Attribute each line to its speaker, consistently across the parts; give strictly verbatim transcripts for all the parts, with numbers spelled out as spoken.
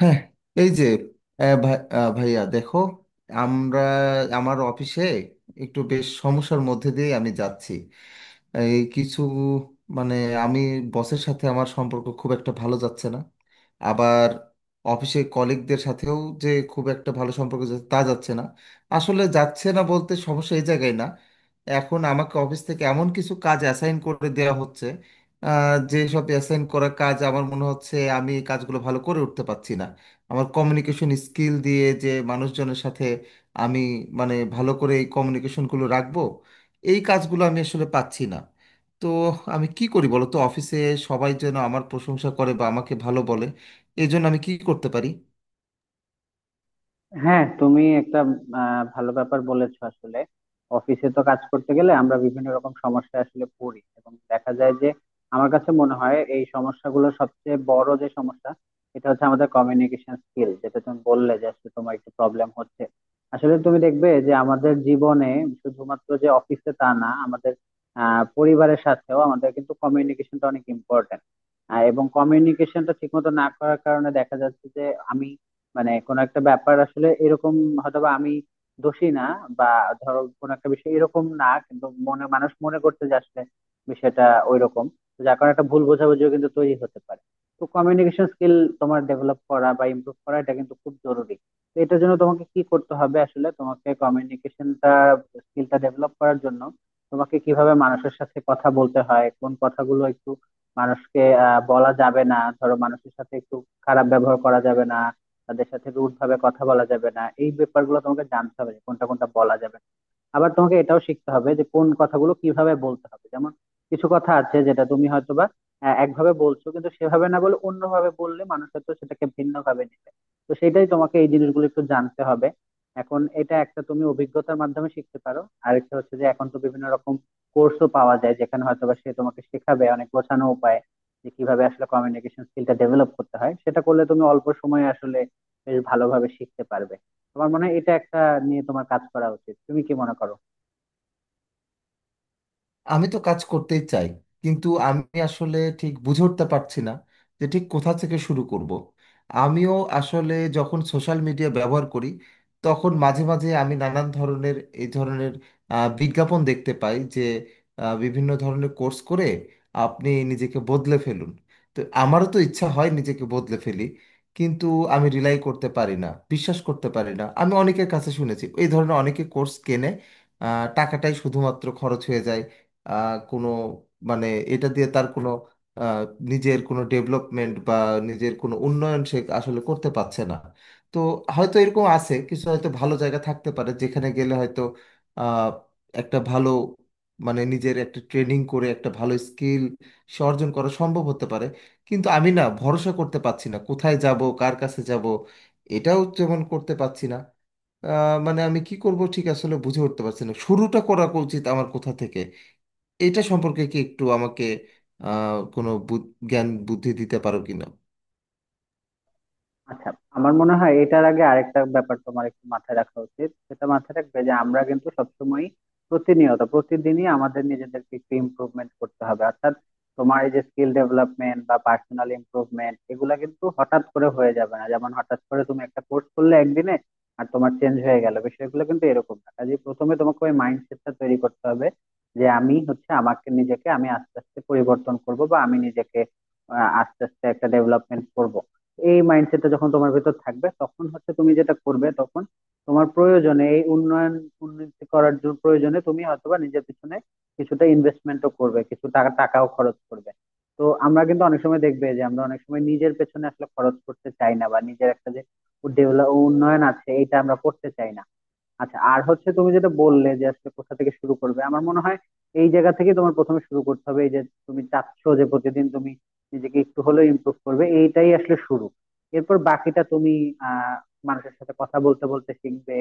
Speaker 1: হ্যাঁ। এই যে, আহ, ভাই- আহ, ভাইয়া, দেখো, আমরা আমার অফিসে একটু বেশ সমস্যার মধ্যে দিয়ে আমি যাচ্ছি। এই কিছু মানে আমি বসের সাথে আমার সম্পর্ক খুব একটা ভালো যাচ্ছে না। আবার অফিসে কলিগদের সাথেও যে খুব একটা ভালো সম্পর্ক যাচ্ছে তা যাচ্ছে না। আসলে যাচ্ছে না বলতে সমস্যা এই জায়গায় না। এখন আমাকে অফিস থেকে এমন কিছু কাজ অ্যাসাইন করে দেওয়া হচ্ছে যে সব অ্যাসাইন করা কাজ আমার মনে হচ্ছে আমি এই কাজগুলো ভালো করে উঠতে পারছি না। আমার কমিউনিকেশন স্কিল দিয়ে যে মানুষজনের সাথে আমি মানে ভালো করে এই কমিউনিকেশনগুলো রাখবো, এই কাজগুলো আমি আসলে পাচ্ছি না। তো আমি কি করি বলো তো, অফিসে সবাই যেন আমার প্রশংসা করে বা আমাকে ভালো বলে, এই জন্য আমি কি করতে পারি?
Speaker 2: হ্যাঁ, তুমি একটা আহ, ভালো ব্যাপার বলেছো আসলে। অফিসে তো কাজ করতে গেলে আমরা বিভিন্ন রকম সমস্যা আসলে পড়ি, এবং দেখা যায় যে আমার কাছে মনে হয় এই সমস্যাগুলো সবচেয়ে বড় যে সমস্যা, এটা হচ্ছে আমাদের কমিউনিকেশন স্কিল, যেটা তুমি বললে যে আসলে তোমার একটু প্রবলেম হচ্ছে। আসলে তুমি দেখবে যে আমাদের জীবনে শুধুমাত্র যে অফিসে তা না, আমাদের আহ পরিবারের সাথেও আমাদের কিন্তু কমিউনিকেশনটা অনেক ইম্পর্টেন্ট। এবং কমিউনিকেশনটা ঠিক মতো না করার কারণে দেখা যাচ্ছে যে আমি মানে কোনো একটা ব্যাপার আসলে এরকম, হয়তোবা আমি দোষী না, বা ধরো কোনো একটা বিষয় এরকম না, কিন্তু মনে মানুষ মনে করতে যে আসলে বিষয়টা ওইরকম। তো যার কারণে একটা ভুল বোঝাবুঝিও কিন্তু তৈরি হতে পারে। তো কমিউনিকেশন স্কিল তোমার ডেভেলপ করা বা ইমপ্রুভ করা এটা কিন্তু খুব জরুরি। তো এটার জন্য তোমাকে কি করতে হবে, আসলে তোমাকে কমিউনিকেশনটা স্কিলটা ডেভেলপ করার জন্য তোমাকে কিভাবে মানুষের সাথে কথা বলতে হয়, কোন কথাগুলো একটু মানুষকে আহ বলা যাবে না, ধরো মানুষের সাথে একটু খারাপ ব্যবহার করা যাবে না, তাদের সাথে রুড ভাবে কথা বলা যাবে না, এই ব্যাপারগুলো তোমাকে জানতে হবে যে কোনটা কোনটা বলা যাবে। আবার তোমাকে এটাও শিখতে হবে যে কোন কথাগুলো কিভাবে বলতে হবে, যেমন কিছু কথা আছে যেটা তুমি হয়তোবা আহ, একভাবে বলছো, কিন্তু সেভাবে না বলে অন্যভাবে বললে মানুষ হয়তো সেটাকে ভিন্ন ভাবে নেবে। তো সেটাই তোমাকে এই জিনিসগুলো একটু জানতে হবে। এখন এটা একটা তুমি অভিজ্ঞতার মাধ্যমে শিখতে পারো। আরেকটা হচ্ছে যে এখন তো বিভিন্ন রকম কোর্সও পাওয়া যায়, যেখানে হয়তোবা সে তোমাকে শেখাবে অনেক গোছানো উপায় যে কিভাবে আসলে কমিউনিকেশন স্কিলটা ডেভেলপ করতে হয়। সেটা করলে তুমি অল্প সময়ে আসলে বেশ ভালোভাবে শিখতে পারবে। তোমার মনে হয় এটা একটা নিয়ে তোমার কাজ করা উচিত, তুমি কি মনে করো?
Speaker 1: আমি তো কাজ করতেই চাই, কিন্তু আমি আসলে ঠিক বুঝে উঠতে পারছি না যে ঠিক কোথা থেকে শুরু করব। আমিও আসলে যখন সোশ্যাল মিডিয়া ব্যবহার করি, তখন মাঝে মাঝে আমি নানান ধরনের এই ধরনের আহ, বিজ্ঞাপন দেখতে পাই যে আহ, বিভিন্ন ধরনের কোর্স করে আপনি নিজেকে বদলে ফেলুন। তো আমারও তো ইচ্ছা হয় নিজেকে বদলে ফেলি, কিন্তু আমি রিলাই করতে পারি না, বিশ্বাস করতে পারি না। আমি অনেকের কাছে শুনেছি এই ধরনের অনেকে কোর্স কেনে, আহ, টাকাটাই শুধুমাত্র খরচ হয়ে যায়। আহ, কোনো মানে এটা দিয়ে তার কোনো, আহ, নিজের কোনো ডেভেলপমেন্ট বা নিজের কোনো উন্নয়ন সে আসলে করতে পারছে না। তো হয়তো এরকম আছে, কিছু হয়তো ভালো জায়গা থাকতে পারে যেখানে গেলে হয়তো আহ, একটা ভালো, মানে নিজের একটা ট্রেনিং করে একটা ভালো স্কিল সে অর্জন করা সম্ভব হতে পারে। কিন্তু আমি না, ভরসা করতে পারছি না, কোথায় যাব কার কাছে যাব এটাও যেমন করতে পারছি না। আহ, মানে আমি কি করব ঠিক আসলে বুঝে উঠতে পারছি না, শুরুটা করা উচিত আমার কোথা থেকে এটা সম্পর্কে কি একটু আমাকে আহ, কোনো বু- জ্ঞান বুদ্ধি দিতে পারো কিনা?
Speaker 2: আচ্ছা, আমার মনে হয় এটার আগে আরেকটা ব্যাপার তোমার একটু মাথায় রাখা উচিত, সেটা মাথায় রাখবে যে আমরা কিন্তু সবসময় প্রতিনিয়ত প্রতিদিনই আমাদের নিজেদেরকে একটু ইমপ্রুভমেন্ট করতে হবে, অর্থাৎ তোমার এই যে স্কিল ডেভেলপমেন্ট বা পার্সোনাল ইমপ্রুভমেন্ট এগুলা কিন্তু হঠাৎ করে হয়ে যাবে না। যেমন হঠাৎ করে তুমি একটা কোর্স করলে একদিনে আর তোমার চেঞ্জ হয়ে গেল, বিষয়গুলো কিন্তু এরকম না। কাজে প্রথমে তোমাকে ওই মাইন্ডসেটটা তৈরি করতে হবে যে আমি হচ্ছে আমাকে নিজেকে আমি আস্তে আস্তে পরিবর্তন করব, বা আমি নিজেকে আহ, আস্তে আস্তে একটা ডেভেলপমেন্ট করব। এই মাইন্ডসেটটা যখন তোমার ভেতর থাকবে তখন হচ্ছে তুমি যেটা করবে, তখন তোমার প্রয়োজনে এই উন্নয়ন উন্নতি করার জন্য প্রয়োজনে তুমি হয়তোবা নিজের পিছনে কিছুটা ইনভেস্টমেন্টও করবে, কিছু টাকা টাকাও খরচ করবে। তো আমরা কিন্তু অনেক সময় দেখবে যে আমরা অনেক সময় নিজের পেছনে আসলে খরচ করতে চাই না, বা নিজের একটা যে ডেভেলপ উন্নয়ন আছে এটা আমরা করতে চাই না। আচ্ছা, আর হচ্ছে তুমি যেটা বললে যে আসলে কোথা থেকে শুরু করবে, আমার মনে হয় এই জায়গা থেকে তোমার প্রথমে শুরু করতে হবে। এই যে তুমি চাচ্ছ যে প্রতিদিন তুমি নিজেকে একটু হলেও ইমপ্রুভ করবে, এইটাই আসলে শুরু। এরপর বাকিটা তুমি আহ মানুষের সাথে কথা বলতে বলতে শিখবে,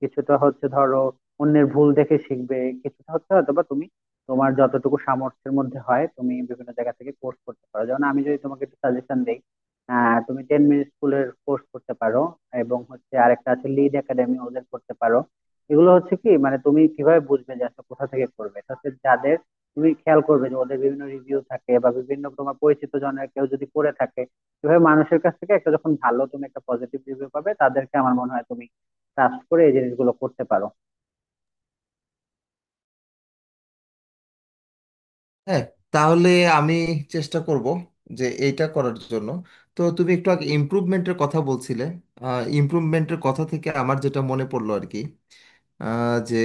Speaker 2: কিছুটা হচ্ছে ধরো অন্যের ভুল দেখে শিখবে, কিছুটা হচ্ছে হয়তো বা তুমি তোমার যতটুকু সামর্থ্যের মধ্যে হয় তুমি বিভিন্ন জায়গা থেকে কোর্স করতে পারো। যেমন আমি যদি তোমাকে একটু সাজেশন দিই, আহ তুমি টেন মিনিট স্কুলের কোর্স করতে পারো, এবং হচ্ছে আরেকটা আছে লিড একাডেমি, ওদের করতে পারো। এগুলো হচ্ছে কি, মানে তুমি কিভাবে বুঝবে যে আসলে কোথা থেকে করবে, এটা হচ্ছে যাদের তুমি খেয়াল করবে যে ওদের বিভিন্ন রিভিউ থাকে, বা বিভিন্ন তোমার পরিচিত জনের কেউ যদি করে থাকে। এভাবে মানুষের কাছ থেকে একটা যখন ভালো তুমি একটা পজিটিভ রিভিউ পাবে, তাদেরকে আমার মনে হয় তুমি ট্রাস্ট করে এই জিনিসগুলো করতে পারো।
Speaker 1: হ্যাঁ, তাহলে আমি চেষ্টা করব যে এইটা করার জন্য। তো তুমি একটু আগে ইমপ্রুভমেন্টের কথা বলছিলে, ইমপ্রুভমেন্টের কথা থেকে আমার যেটা মনে পড়লো আর কি, আহ, যে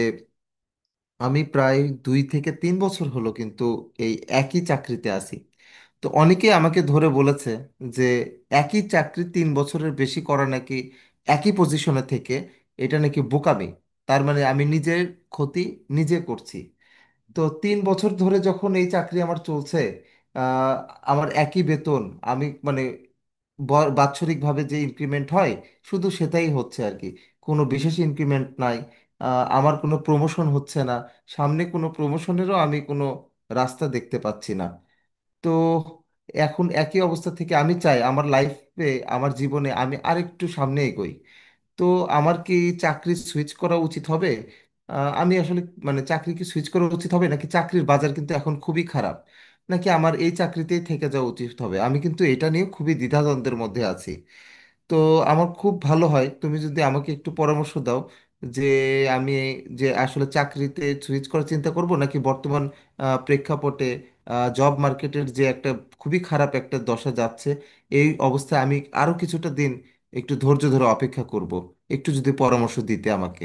Speaker 1: আমি প্রায় দুই থেকে তিন বছর হলো কিন্তু এই একই চাকরিতে আছি। তো অনেকেই আমাকে ধরে বলেছে যে একই চাকরি তিন বছরের বেশি করা নাকি, একই পজিশনে থেকে, এটা নাকি বোকামি। তার মানে আমি নিজের ক্ষতি নিজে করছি। তো তিন বছর ধরে যখন এই চাকরি আমার চলছে, আহ, আমার একই বেতন। আমি মানে ব- বাৎসরিকভাবে যে ইনক্রিমেন্ট হয় শুধু সেটাই হচ্ছে আর কি, কোনো বিশেষ ইনক্রিমেন্ট নাই। আহ, আমার কোনো প্রমোশন হচ্ছে না, সামনে কোনো প্রমোশনেরও আমি কোনো রাস্তা দেখতে পাচ্ছি না। তো এখন একই অবস্থা থেকে আমি চাই আমার লাইফে, আমার জীবনে আমি আরেকটু সামনে এগোই। তো আমার কি চাকরি সুইচ করা উচিত হবে? আহ, আমি আসলে মানে চাকরি কি সুইচ করা উচিত হবে, নাকি চাকরির বাজার কিন্তু এখন খুবই খারাপ, নাকি আমার এই চাকরিতেই থেকে যাওয়া উচিত হবে, আমি কিন্তু এটা নিয়ে খুবই দ্বিধাদ্বন্দ্বের মধ্যে আছি। তো আমার খুব ভালো হয় তুমি যদি আমাকে একটু পরামর্শ দাও, যে আমি যে আসলে চাকরিতে সুইচ করার চিন্তা করব নাকি বর্তমান আহ, প্রেক্ষাপটে জব মার্কেটের যে একটা খুবই খারাপ একটা দশা যাচ্ছে এই অবস্থায় আমি আরও কিছুটা দিন একটু ধৈর্য ধরে অপেক্ষা করব, একটু যদি পরামর্শ দিতে আমাকে।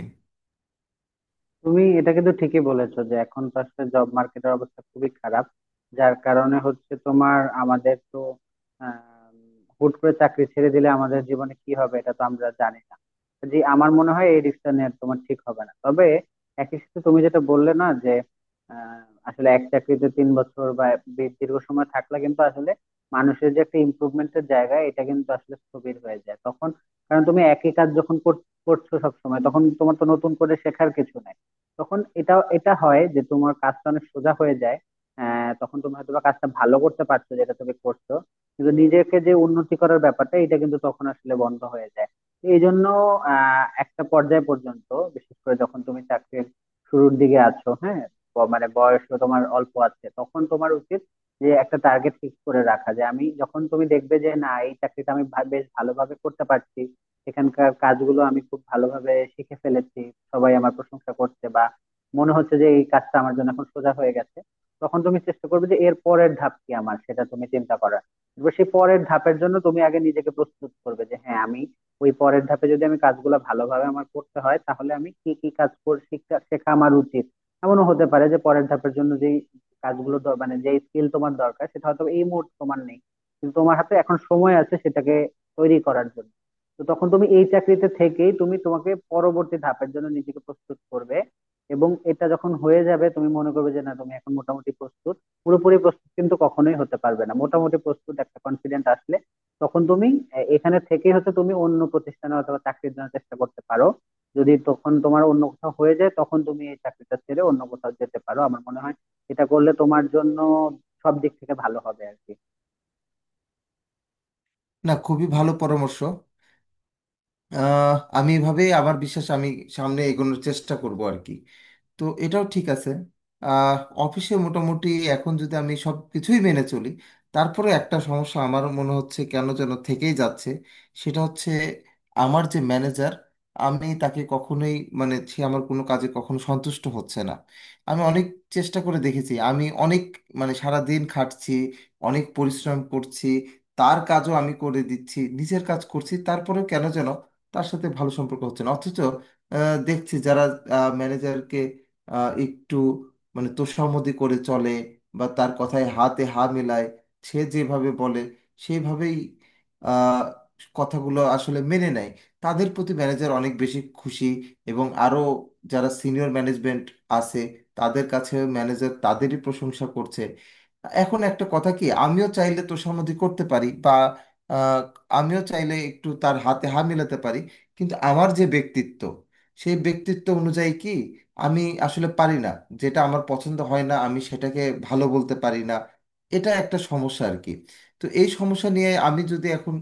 Speaker 2: তুমি এটা কিন্তু ঠিকই বলেছো যে এখন তো আসলে জব মার্কেটের অবস্থা খুবই খারাপ, যার কারণে হচ্ছে তোমার আমাদের তো আম, হুট করে চাকরি ছেড়ে দিলে আমাদের জীবনে কি হবে এটা তো আমরা জানি না। যে আমার মনে হয় এই রিস্কটা নেওয়া তোমার ঠিক হবে না, তবে একই সাথে তুমি যেটা বললে না যে আহ, আসলে এক চাকরিতে তিন বছর বা বে- দীর্ঘ সময় থাকলে কিন্তু আসলে মানুষের যে একটা ইমপ্রুভমেন্টের জায়গা এটা কিন্তু আসলে স্থবির হয়ে যায় তখন। কারণ তুমি একই কাজ যখন কর- করছো সব সময়, তখন তোমার তো নতুন করে শেখার কিছু নাই। তখন এটা এটা হয় যে তোমার কাজটা অনেক সোজা হয়ে যায়। আহ তখন তুমি হয়তো বা কাজটা ভালো করতে পারছো যেটা তুমি করছো, কিন্তু নিজেকে যে উন্নতি করার ব্যাপারটা এটা কিন্তু তখন আসলে বন্ধ হয়ে যায়। এই জন্য আহ একটা পর্যায় পর্যন্ত, বিশেষ করে যখন তুমি চাকরির শুরুর দিকে আছো, হ্যাঁ, ব- মানে বয়স তোমার অল্প আছে, তখন তোমার উচিত যে একটা টার্গেট ফিক্স করে রাখা। যে আমি যখন তুমি দেখবে যে না এই চাকরিটা আমি ভা- বেশ ভালোভাবে করতে পারছি, সেখানকার কাজগুলো আমি খুব ভালোভাবে শিখে ফেলেছি, সবাই আমার প্রশংসা করছে, বা মনে হচ্ছে যে এই কাজটা আমার জন্য এখন সোজা হয়ে গেছে, তখন তুমি চেষ্টা করবে যে এর পরের ধাপ কি আমার, সেটা তুমি চিন্তা করার। এবার সেই পরের ধাপের জন্য তুমি আগে নিজেকে প্রস্তুত করবে, যে হ্যাঁ, আমি ওই পরের ধাপে যদি আমি কাজগুলো ভালোভাবে আমার করতে হয়, তাহলে আমি কি কি কাজ করে শিখা শেখা আমার উচিত। এমনও হতে পারে যে পরের ধাপের জন্য যেই কাজগুলো দর- মানে যেই স্কিল তোমার দরকার, সেটা হয়তো এই মুহূর্তে তোমার নেই, কিন্তু তোমার হাতে এখন সময় আছে সেটাকে তৈরি করার জন্য। তো তখন তুমি এই চাকরিতে থেকেই তুমি তোমাকে পরবর্তী ধাপের জন্য নিজেকে প্রস্তুত করবে। এবং এটা যখন হয়ে যাবে তুমি মনে করবে যে না তুমি এখন মোটামুটি প্রস্তুত, পুরোপুরি প্রস্তুত কিন্তু কখনোই হতে পারবে না, মোটামুটি প্রস্তুত একটা কনফিডেন্ট আসলে। তখন তুমি এ- এখানে থেকেই হচ্ছে তুমি অন্য প্রতিষ্ঠানে অথবা চাকরির জন্য চেষ্টা করতে পারো। যদি তখন তোমার অন্য কোথাও হয়ে যায়, তখন তুমি এই চাকরিটা ছেড়ে অন্য কোথাও যেতে পারো আমার মনে হয়। এটা করলে তোমার জন্য সব দিক থেকে ভালো হবে আর কি।
Speaker 1: না, খুবই ভালো পরামর্শ। আহ, আমি এভাবে আমার বিশ্বাস আমি সামনে এগোনোর চেষ্টা করব আর কি। তো এটাও ঠিক আছে। আহ, অফিসে মোটামুটি এখন যদি আমি সব কিছুই মেনে চলি, তারপরে একটা সমস্যা আমার মনে হচ্ছে কেন যেন থেকেই যাচ্ছে। সেটা হচ্ছে, আমার যে ম্যানেজার, আমি তাকে কখনোই, মানে সে আমার কোনো কাজে কখনো সন্তুষ্ট হচ্ছে না। আমি অনেক চেষ্টা করে দেখেছি, আমি অনেক, মানে সারা দিন খাটছি, অনেক পরিশ্রম করছি, তার কাজও আমি করে দিচ্ছি, নিজের কাজ করছি, তারপরেও কেন যেন তার সাথে ভালো সম্পর্ক হচ্ছে না। অথচ আহ, দেখছি যারা ম্যানেজারকে একটু, মানে তোষামোদী করে চলে বা তার কথায় হাতে হা মেলায়, সে যেভাবে বলে সেইভাবেই আহ, কথাগুলো আসলে মেনে নেয়, তাদের প্রতি ম্যানেজার অনেক বেশি খুশি। এবং আরও যারা সিনিয়র ম্যানেজমেন্ট আছে, তাদের কাছে ম্যানেজার তাদেরই প্রশংসা করছে। এখন একটা কথা কি, আমিও চাইলে তোষামোদী করতে পারি বা আমিও চাইলে একটু তার হাতে হাত মেলাতে পারি, কিন্তু আমার যে ব্যক্তিত্ব, সেই ব্যক্তিত্ব অনুযায়ী কি আমি আসলে পারি না, যেটা আমার পছন্দ হয় না আমি সেটাকে ভালো বলতে পারি না। এটা একটা সমস্যা আর কি। তো এই সমস্যা নিয়ে আমি যদি এখন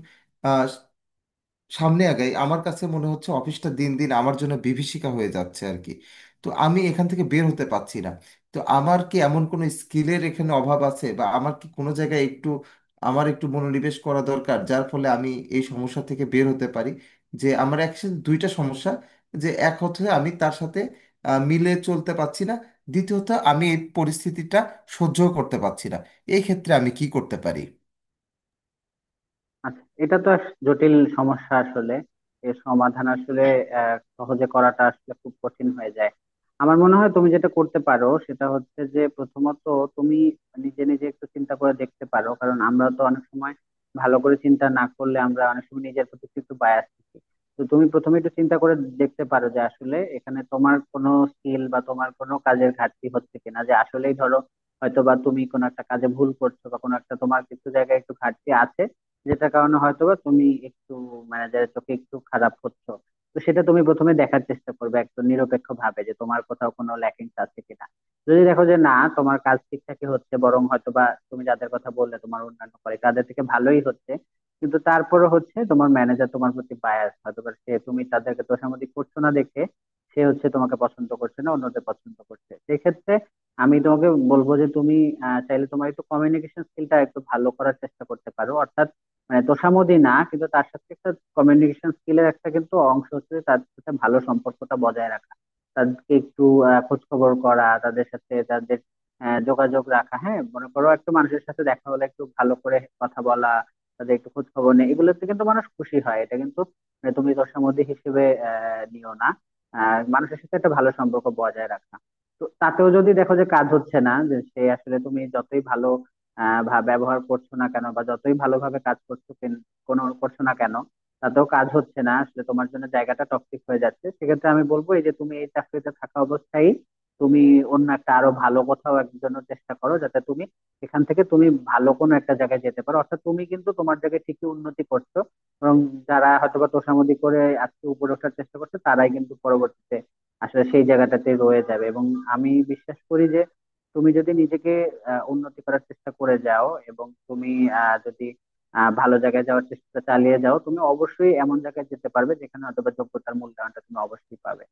Speaker 1: সামনে আগাই, আমার কাছে মনে হচ্ছে অফিসটা দিন দিন আমার জন্য বিভীষিকা হয়ে যাচ্ছে আর কি। তো আমি এখান থেকে বের হতে পারছি না। তো আমার কি এমন কোনো স্কিলের এখানে অভাব আছে, বা আমার কি কোনো জায়গায় একটু, আমার একটু মনোনিবেশ করা দরকার যার ফলে আমি এই সমস্যা থেকে বের হতে পারি। যে আমার অ্যাকচুয়ালি দুইটা সমস্যা, যে এক হচ্ছে আমি তার সাথে আহ, মিলে চলতে পারছি না, দ্বিতীয়ত আমি এই পরিস্থিতিটা সহ্য করতে পারছি না। এই ক্ষেত্রে আমি কি করতে পারি?
Speaker 2: আচ্ছা, এটা তো আস- জটিল সমস্যা আসলে। এর সমাধান আসলে আহ, সহজে করাটা আসলে খুব কঠিন হয়ে যায়। আমার মনে হয় তুমি যেটা করতে পারো সেটা হচ্ছে যে প্রথমত তুমি নিজে নিজে একটু চিন্তা করে দেখতে পারো, কারণ আমরা তো অনেক সময় ভালো করে চিন্তা না করলে আমরা অনেক সময় নিজের প্রতি একটু বায়াস থাকি। তো তুমি প্রথমে একটু চিন্তা করে দেখতে পারো যে আসলে এখানে তোমার কোনো স্কিল বা তোমার কোনো কাজের ঘাটতি হচ্ছে কিনা, যে আসলেই ধরো হয়তো বা তুমি কোনো একটা কাজে ভুল করছো, বা কোনো একটা তোমার কিছু জায়গায় একটু ঘাটতি আছে, যেটার কারণে হয়তোবা তুমি একটু ম্যানেজারের চোখে একটু খারাপ হচ্ছ। তো সেটা তুমি প্রথমে দেখার চেষ্টা করবে একদম নিরপেক্ষ ভাবে যে তোমার কোথাও কোনো ল্যাকিংস আছে কিনা। যদি দেখো যে না তোমার কাজ ঠিকঠাকই হচ্ছে, বরং হয়তোবা তুমি যাদের কথা বললে তোমার অন্যান্য কলিগ তাদের থেকে ভালোই হচ্ছে, কিন্তু তারপরে হচ্ছে তোমার ম্যানেজার তোমার প্রতি বায়াস, হয়তোবা সে তুমি তাদেরকে তোষামোদী করছো না দেখে সে হচ্ছে তোমাকে পছন্দ করছে না, অন্যদের পছন্দ করছে, সেক্ষেত্রে আমি তোমাকে বলবো যে তুমি আহ, চাইলে তোমার একটু কমিউনিকেশন স্কিলটা একটু ভালো করার চেষ্টা করতে পারো। অর্থাৎ মানে তোষামোদী না, কিন্তু তার সাথে একটা কমিউনিকেশন স্কিলের একটা কিন্তু অংশ হচ্ছে যে তাদের সাথে ভালো সম্পর্কটা বজায় রাখা, তাদেরকে একটু আহ, খোঁজ খবর করা, তাদের সাথে তাদের আহ, যোগাযোগ রাখা, হ্যাঁ, মনে করো একটু মানুষের সাথে দেখা হলে একটু ভালো করে কথা বলা, তাদের একটু খোঁজ খবর নেই, এগুলোতে কিন্তু মানুষ খুশি হয়। এটা কিন্তু মানে তুমি তোষামোদী হিসেবে আহ নিও না, আহ মানুষের সাথে একটা ভালো সম্পর্ক বজায় রাখা। তো তাতেও যদি দেখো যে কাজ হচ্ছে না, যে সে আসলে তুমি যতই ভালো আহ ভা- ব্যবহার করছো না কেন, বা যতই ভালোভাবে কাজ করছো কেন- কোনো করছো না কেন, তাতেও কাজ হচ্ছে না, আসলে তোমার জন্য জায়গাটা টক্সিক হয়ে যাচ্ছে, সেক্ষেত্রে আমি বলবো এই যে তুমি এই চাকরিতে থাকা অবস্থায় তুমি অন্য একটা আরো ভালো কোথাও একজনের চেষ্টা করো, যাতে তুমি এখান থেকে তুমি ভালো কোনো একটা জায়গায় যেতে পারো। অর্থাৎ তুমি কিন্তু তোমার জায়গায় ঠিকই উন্নতি করছো, এবং যারা হয়তোবা তোষামোদি করে আজকে উপরে ওঠার চেষ্টা করছে তারাই কিন্তু পরবর্তীতে আসলে সেই জায়গাটাতে রয়ে যাবে। এবং আমি বিশ্বাস করি যে তুমি যদি নিজেকে আহ, উন্নতি করার চেষ্টা করে যাও, এবং তুমি আহ, যদি আহ, ভালো জায়গায় যাওয়ার চেষ্টা চালিয়ে যাও, তুমি অবশ্যই এমন জায়গায় যেতে পারবে যেখানে হয়তো বা যোগ্যতার মূল্যায়নটা তুমি অবশ্যই পাবে।